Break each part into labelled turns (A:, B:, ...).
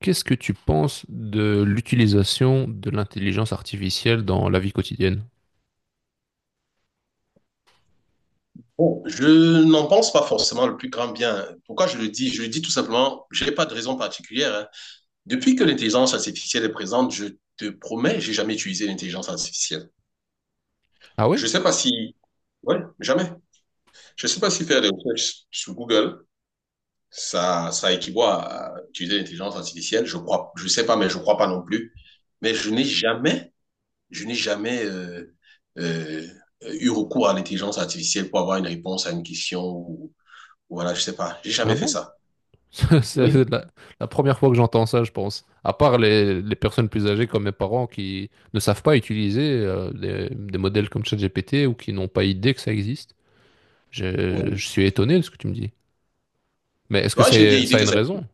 A: Qu'est-ce que tu penses de l'utilisation de l'intelligence artificielle dans la vie quotidienne?
B: Bon, je n'en pense pas forcément le plus grand bien. Pourquoi je le dis? Je le dis tout simplement, je n'ai pas de raison particulière, hein. Depuis que l'intelligence artificielle est présente, je te promets, j'ai jamais utilisé l'intelligence artificielle.
A: Ah
B: Je
A: ouais?
B: sais pas si, ouais, jamais. Je sais pas si faire des recherches sur Google, ça équivaut à utiliser l'intelligence artificielle. Je crois, je sais pas, mais je crois pas non plus. Mais je n'ai jamais euh, eu recours à l'intelligence artificielle pour avoir une réponse à une question ou voilà, je sais pas. J'ai
A: Ah
B: jamais fait
A: bon?
B: ça. Oui,
A: C'est la première fois que j'entends ça, je pense. À part les personnes plus âgées comme mes parents qui ne savent pas utiliser des modèles comme ChatGPT ou qui n'ont pas idée que ça existe.
B: oui.
A: Je suis étonné de ce que tu me dis. Mais est-ce que
B: Ouais, j'ai bien idée
A: ça a
B: que
A: une
B: ça.
A: raison?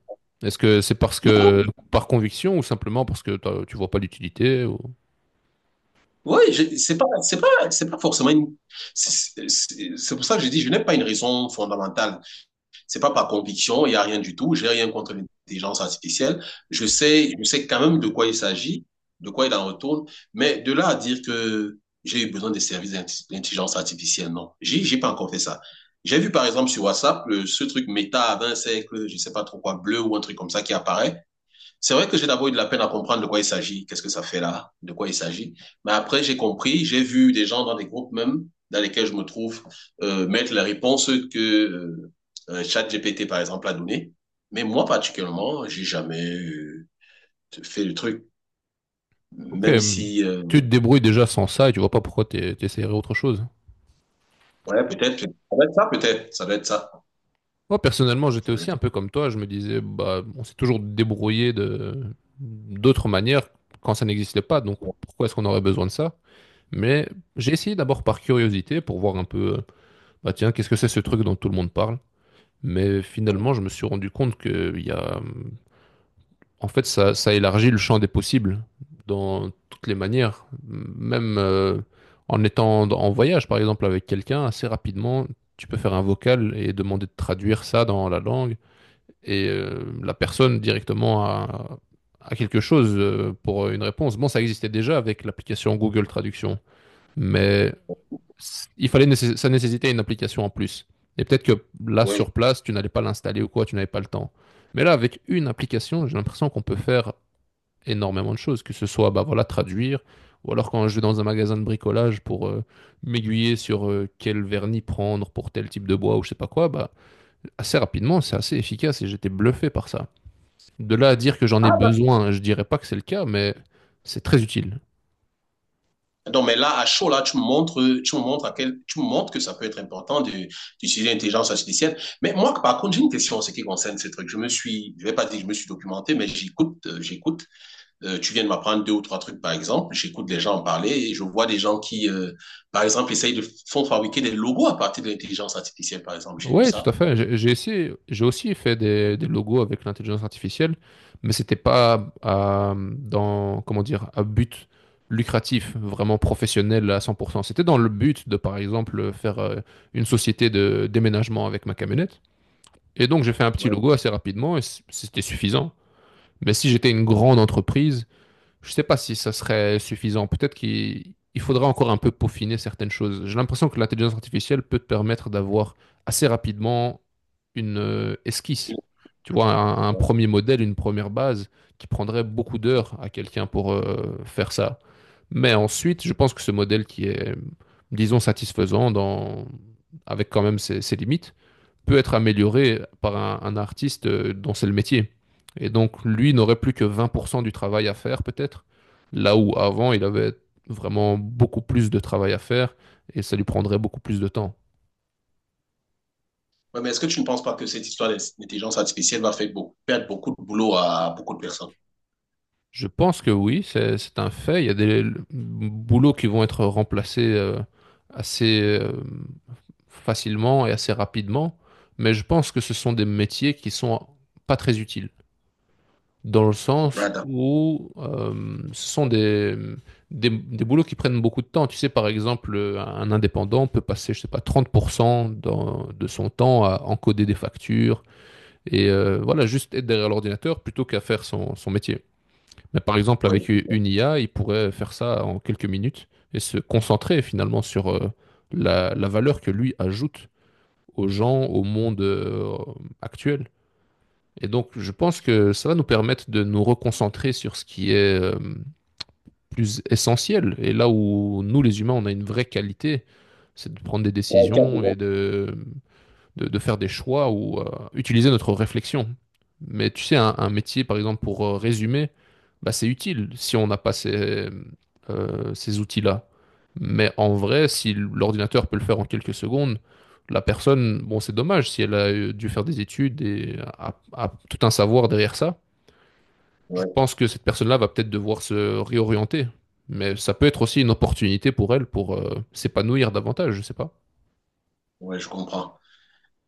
A: Est-ce que c'est parce
B: Non, non,
A: que par conviction ou simplement parce que tu vois pas l'utilité ou...
B: oui, c'est pas forcément une. C'est pour ça que je dis, je n'ai pas une raison fondamentale. C'est pas par conviction, il n'y a rien du tout. J'ai rien contre l'intelligence artificielle. Je sais quand même de quoi il s'agit, de quoi il en retourne. Mais de là à dire que j'ai eu besoin des services d'intelligence artificielle, non. J'ai pas encore fait ça. J'ai vu par exemple sur WhatsApp ce truc méta à 20 siècles, je sais pas trop quoi, bleu ou un truc comme ça qui apparaît. C'est vrai que j'ai d'abord eu de la peine à comprendre de quoi il s'agit, qu'est-ce que ça fait là, de quoi il s'agit. Mais après, j'ai compris, j'ai vu des gens dans des groupes même dans lesquels je me trouve mettre les réponses que euh, ChatGPT, par exemple, a données. Mais moi, particulièrement, j'ai jamais fait le truc,
A: Ok,
B: même si...
A: tu te débrouilles déjà sans ça et tu vois pas pourquoi t'essaierais autre chose.
B: ouais, peut-être, ça doit être ça, peut-être, ça doit être ça.
A: Moi, personnellement, j'étais
B: Ça doit
A: aussi
B: être-
A: un peu comme toi. Je me disais, bah, on s'est toujours débrouillé de d'autres manières quand ça n'existait pas. Donc,
B: Ouais.
A: pourquoi est-ce qu'on aurait besoin de ça? Mais j'ai essayé d'abord par curiosité pour voir un peu, bah tiens, qu'est-ce que c'est ce truc dont tout le monde parle? Mais finalement, je me suis rendu compte qu'il y a en fait, ça élargit le champ des possibles dans toutes les manières. Même en étant en voyage, par exemple, avec quelqu'un, assez rapidement, tu peux faire un vocal et demander de traduire ça dans la langue. Et la personne directement a quelque chose pour une réponse. Bon, ça existait déjà avec l'application Google Traduction, mais il fallait ça nécessitait une application en plus. Et peut-être que là,
B: Ouais.
A: sur place, tu n'allais pas l'installer ou quoi, tu n'avais pas le temps. Mais là, avec une application, j'ai l'impression qu'on peut faire énormément de choses, que ce soit bah, voilà, traduire, ou alors quand je vais dans un magasin de bricolage pour m'aiguiller sur quel vernis prendre pour tel type de bois ou je sais pas quoi, bah, assez rapidement, c'est assez efficace et j'étais bluffé par ça. De là à dire que j'en
B: Ah,
A: ai
B: bah,
A: besoin, je dirais pas que c'est le cas, mais c'est très utile.
B: donc, mais là, à chaud, là, tu me montres que ça peut être important d'utiliser l'intelligence artificielle. Mais moi, par contre, j'ai une question en ce qui concerne ces trucs. Je me suis, je vais pas dire que je me suis documenté, mais j'écoute, j'écoute. Tu viens de m'apprendre deux ou trois trucs, par exemple. J'écoute les gens en parler et je vois des gens qui, par exemple, essayent de font fabriquer des logos à partir de l'intelligence artificielle, par exemple. J'ai vu
A: Ouais, tout à
B: ça.
A: fait. J'ai essayé, j'ai aussi fait des logos avec l'intelligence artificielle, mais c'était pas dans, comment dire, à but lucratif, vraiment professionnel à 100%. C'était dans le but de, par exemple, faire une société de déménagement avec ma camionnette. Et donc, j'ai fait un petit logo assez rapidement et c'était suffisant. Mais si j'étais une grande entreprise, je sais pas si ça serait suffisant. Peut-être qu'il il faudra encore un peu peaufiner certaines choses. J'ai l'impression que l'intelligence artificielle peut te permettre d'avoir assez rapidement une esquisse. Tu vois, un
B: Ouais.
A: premier modèle, une première base qui prendrait beaucoup d'heures à quelqu'un pour faire ça. Mais ensuite, je pense que ce modèle disons, satisfaisant dans... avec quand même ses limites, peut être amélioré par un artiste dont c'est le métier. Et donc, lui n'aurait plus que 20% du travail à faire, peut-être, là où avant, il avait vraiment beaucoup plus de travail à faire et ça lui prendrait beaucoup plus de temps.
B: Ouais, mais est-ce que tu ne penses pas que cette histoire d'intelligence artificielle va faire beaucoup, perdre beaucoup de boulot à beaucoup de personnes?
A: Je pense que oui, c'est un fait. Il y a des boulots qui vont être remplacés assez facilement et assez rapidement, mais je pense que ce sont des métiers qui sont pas très utiles, dans le sens
B: Ouais, d'accord.
A: où ce sont des boulots qui prennent beaucoup de temps. Tu sais, par exemple, un indépendant peut passer, je sais pas, 30% de son temps à encoder des factures et voilà, juste être derrière l'ordinateur plutôt qu'à faire son métier. Mais par exemple,
B: Ouais,
A: avec
B: c'est ça.
A: une IA, il pourrait faire ça en quelques minutes et se concentrer finalement sur la valeur que lui ajoute aux gens, au monde actuel. Et donc, je pense que ça va nous permettre de nous reconcentrer sur ce qui est plus essentiel. Et là où nous, les humains, on a une vraie qualité, c'est de prendre des
B: Ouais, tu as
A: décisions et
B: raison.
A: de de faire des choix ou utiliser notre réflexion. Mais tu sais, un métier, par exemple, pour résumer, bah, c'est utile si on n'a pas ces outils-là. Mais en vrai, si l'ordinateur peut le faire en quelques secondes, la personne, bon, c'est dommage si elle a dû faire des études et a tout un savoir derrière ça. Je
B: Ouais,
A: pense que cette personne-là va peut-être devoir se réorienter. Mais ça peut être aussi une opportunité pour elle pour s'épanouir davantage, je sais pas.
B: ouais, je comprends.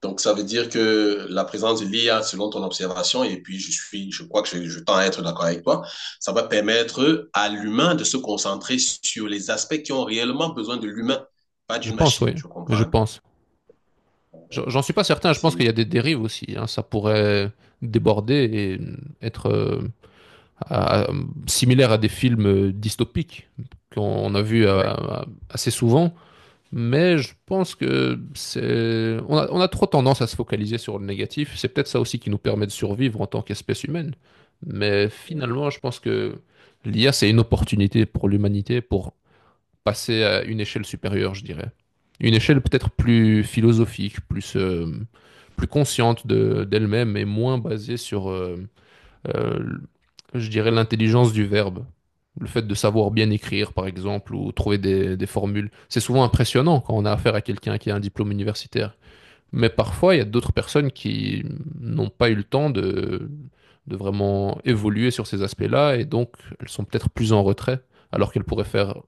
B: Donc, ça veut dire que la présence de l'IA, selon ton observation, et puis je crois que je tends à être d'accord avec toi, ça va permettre à l'humain de se concentrer sur les aspects qui ont réellement besoin de l'humain, pas
A: Je
B: d'une
A: pense,
B: machine,
A: oui.
B: je comprends
A: Je
B: un peu.
A: pense. J'en suis pas certain, je pense
B: C'est,
A: qu'il y a des dérives aussi, hein. Ça pourrait déborder et être à- à- similaire à des films dystopiques qu'on a vus
B: ouais,
A: assez souvent. Mais je pense que c'est... on a trop tendance à se focaliser sur le négatif. C'est peut-être ça aussi qui nous permet de survivre en tant qu'espèce humaine. Mais
B: ouais,
A: finalement, je pense que l'IA, c'est une opportunité pour l'humanité pour passer à une échelle supérieure, je dirais. Une échelle peut-être plus philosophique, plus, plus consciente d'elle-même et moins basée sur, euh, je dirais, l'intelligence du verbe. Le fait de savoir bien écrire, par exemple, ou trouver des formules. C'est souvent impressionnant quand on a affaire à quelqu'un qui a un diplôme universitaire, mais parfois, il y a d'autres personnes qui n'ont pas eu le temps de vraiment évoluer sur ces aspects-là, et donc elles sont peut-être plus en retrait, alors qu'elles pourraient faire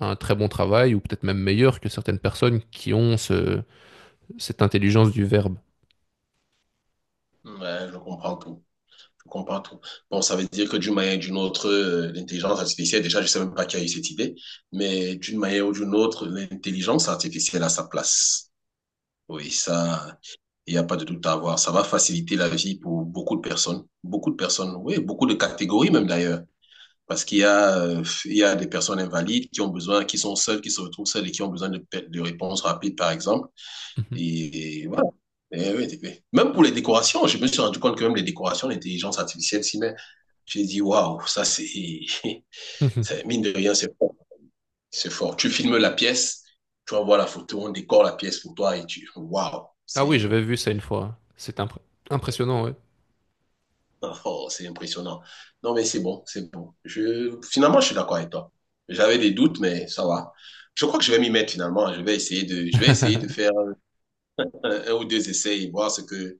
A: un très bon travail, ou peut-être même meilleur que certaines personnes qui ont cette intelligence du verbe.
B: ouais, je comprends tout. Je comprends tout. Bon, ça veut dire que d'une manière ou d'une autre, l'intelligence artificielle, déjà, je ne sais même pas qui a eu cette idée, mais d'une manière ou d'une autre, l'intelligence artificielle a sa place. Oui, ça, il n'y a pas de doute à avoir. Ça va faciliter la vie pour beaucoup de personnes, oui, beaucoup de catégories même d'ailleurs. Parce qu'il y a des personnes invalides qui ont besoin, qui sont seules, qui se retrouvent seules et qui ont besoin de réponses rapides, par exemple.
A: Mhm.
B: Et voilà. Et oui, et oui. Même pour les décorations, je me suis rendu compte que même les décorations, l'intelligence artificielle s'y met. J'ai dit, waouh, ça c'est,
A: Mhm.
B: mine de rien, c'est fort. C'est fort. Tu filmes la pièce, tu envoies la photo, on décore la pièce pour toi et tu, waouh,
A: Ah oui,
B: c'est,
A: j'avais vu ça une fois. C'est impressionnant, ouais.
B: oh, c'est impressionnant. Non, mais c'est bon, c'est bon. Finalement, je suis d'accord avec toi. J'avais des doutes, mais ça va. Je crois que je vais m'y mettre finalement. Je vais essayer de faire un ou deux essais et voir ce que,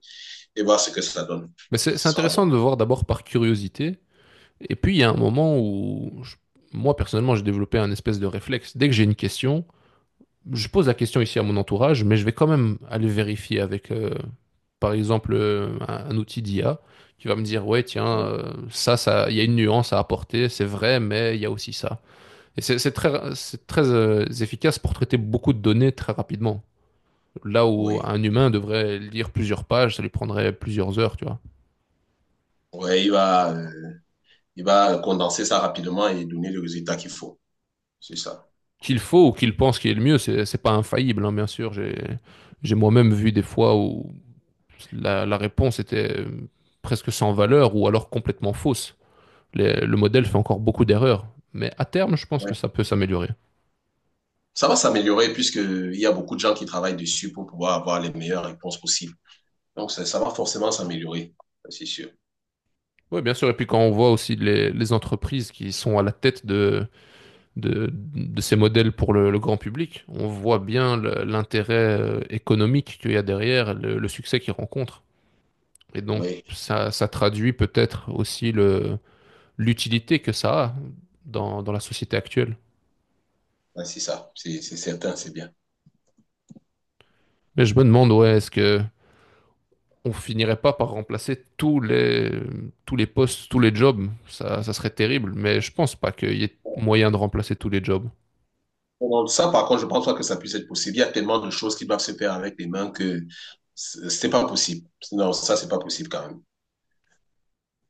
B: et voir ce que ça donne.
A: Mais c'est
B: Ce sera
A: intéressant
B: bon.
A: de voir d'abord par curiosité, et puis il y a un moment où, moi personnellement, j'ai développé un espèce de réflexe. Dès que j'ai une question, je pose la question ici à mon entourage, mais je vais quand même aller vérifier avec, par exemple, un outil d'IA qui va me dire, ouais, tiens, ça, il y a une nuance à apporter, c'est vrai, mais il y a aussi ça. Et c'est très efficace pour traiter beaucoup de données très rapidement. Là où
B: Oui.
A: un humain devrait lire plusieurs pages, ça lui prendrait plusieurs heures, tu vois.
B: Ouais, il va condenser ça rapidement et donner le résultat qu'il faut. C'est ça.
A: Qu'il faut ou qu'il pense qu'il est le mieux, c'est pas infaillible, hein, bien sûr. J'ai moi-même vu des fois où la réponse était presque sans valeur ou alors complètement fausse. Le modèle fait encore beaucoup d'erreurs, mais à terme, je pense que
B: Ouais.
A: ça peut s'améliorer.
B: Ça va s'améliorer puisqu'il y a beaucoup de gens qui travaillent dessus pour pouvoir avoir les meilleures réponses possibles. Donc, ça va forcément s'améliorer, ça, c'est sûr.
A: Oui, bien sûr. Et puis quand on voit aussi les entreprises qui sont à la tête de ces modèles pour le grand public, on voit bien l'intérêt économique qu'il y a derrière, le succès qu'ils rencontrent. Et donc,
B: Oui,
A: ça traduit peut-être aussi l'utilité que ça a dans la société actuelle.
B: ouais, c'est ça, c'est certain, c'est bien.
A: Mais je me demande, ouais, est-ce que on finirait pas par remplacer tous les postes, tous les jobs. Ça serait terrible, mais je pense pas qu'il y ait moyen de remplacer tous les jobs.
B: Bon, ça, par contre, je pense pas que ça puisse être possible. Il y a tellement de choses qui doivent se faire avec les mains que c'est pas possible. Non, ça, c'est pas possible quand même.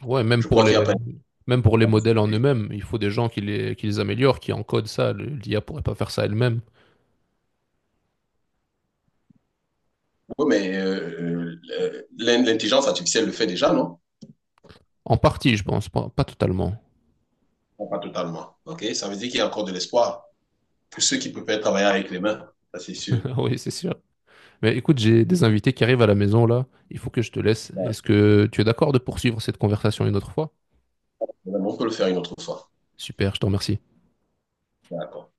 A: Ouais,
B: Je crois qu'il n'y a pas...
A: même pour les modèles en
B: une
A: eux-mêmes, il faut des gens qui les améliorent, qui encodent ça. L'IA pourrait pas faire ça elle-même.
B: Oui, mais l'intelligence artificielle le fait déjà, non?
A: En partie, je pense, pas totalement.
B: Non, pas totalement. OK? Ça veut dire qu'il y a encore de l'espoir pour ceux qui préfèrent travailler avec les mains. Ça, c'est sûr.
A: Oui, c'est sûr. Mais écoute, j'ai des invités qui arrivent à la maison là. Il faut que je te laisse.
B: Ouais.
A: Est-ce que tu es d'accord de poursuivre cette conversation une autre fois?
B: On peut le faire une autre fois.
A: Super, je t'en remercie.
B: D'accord.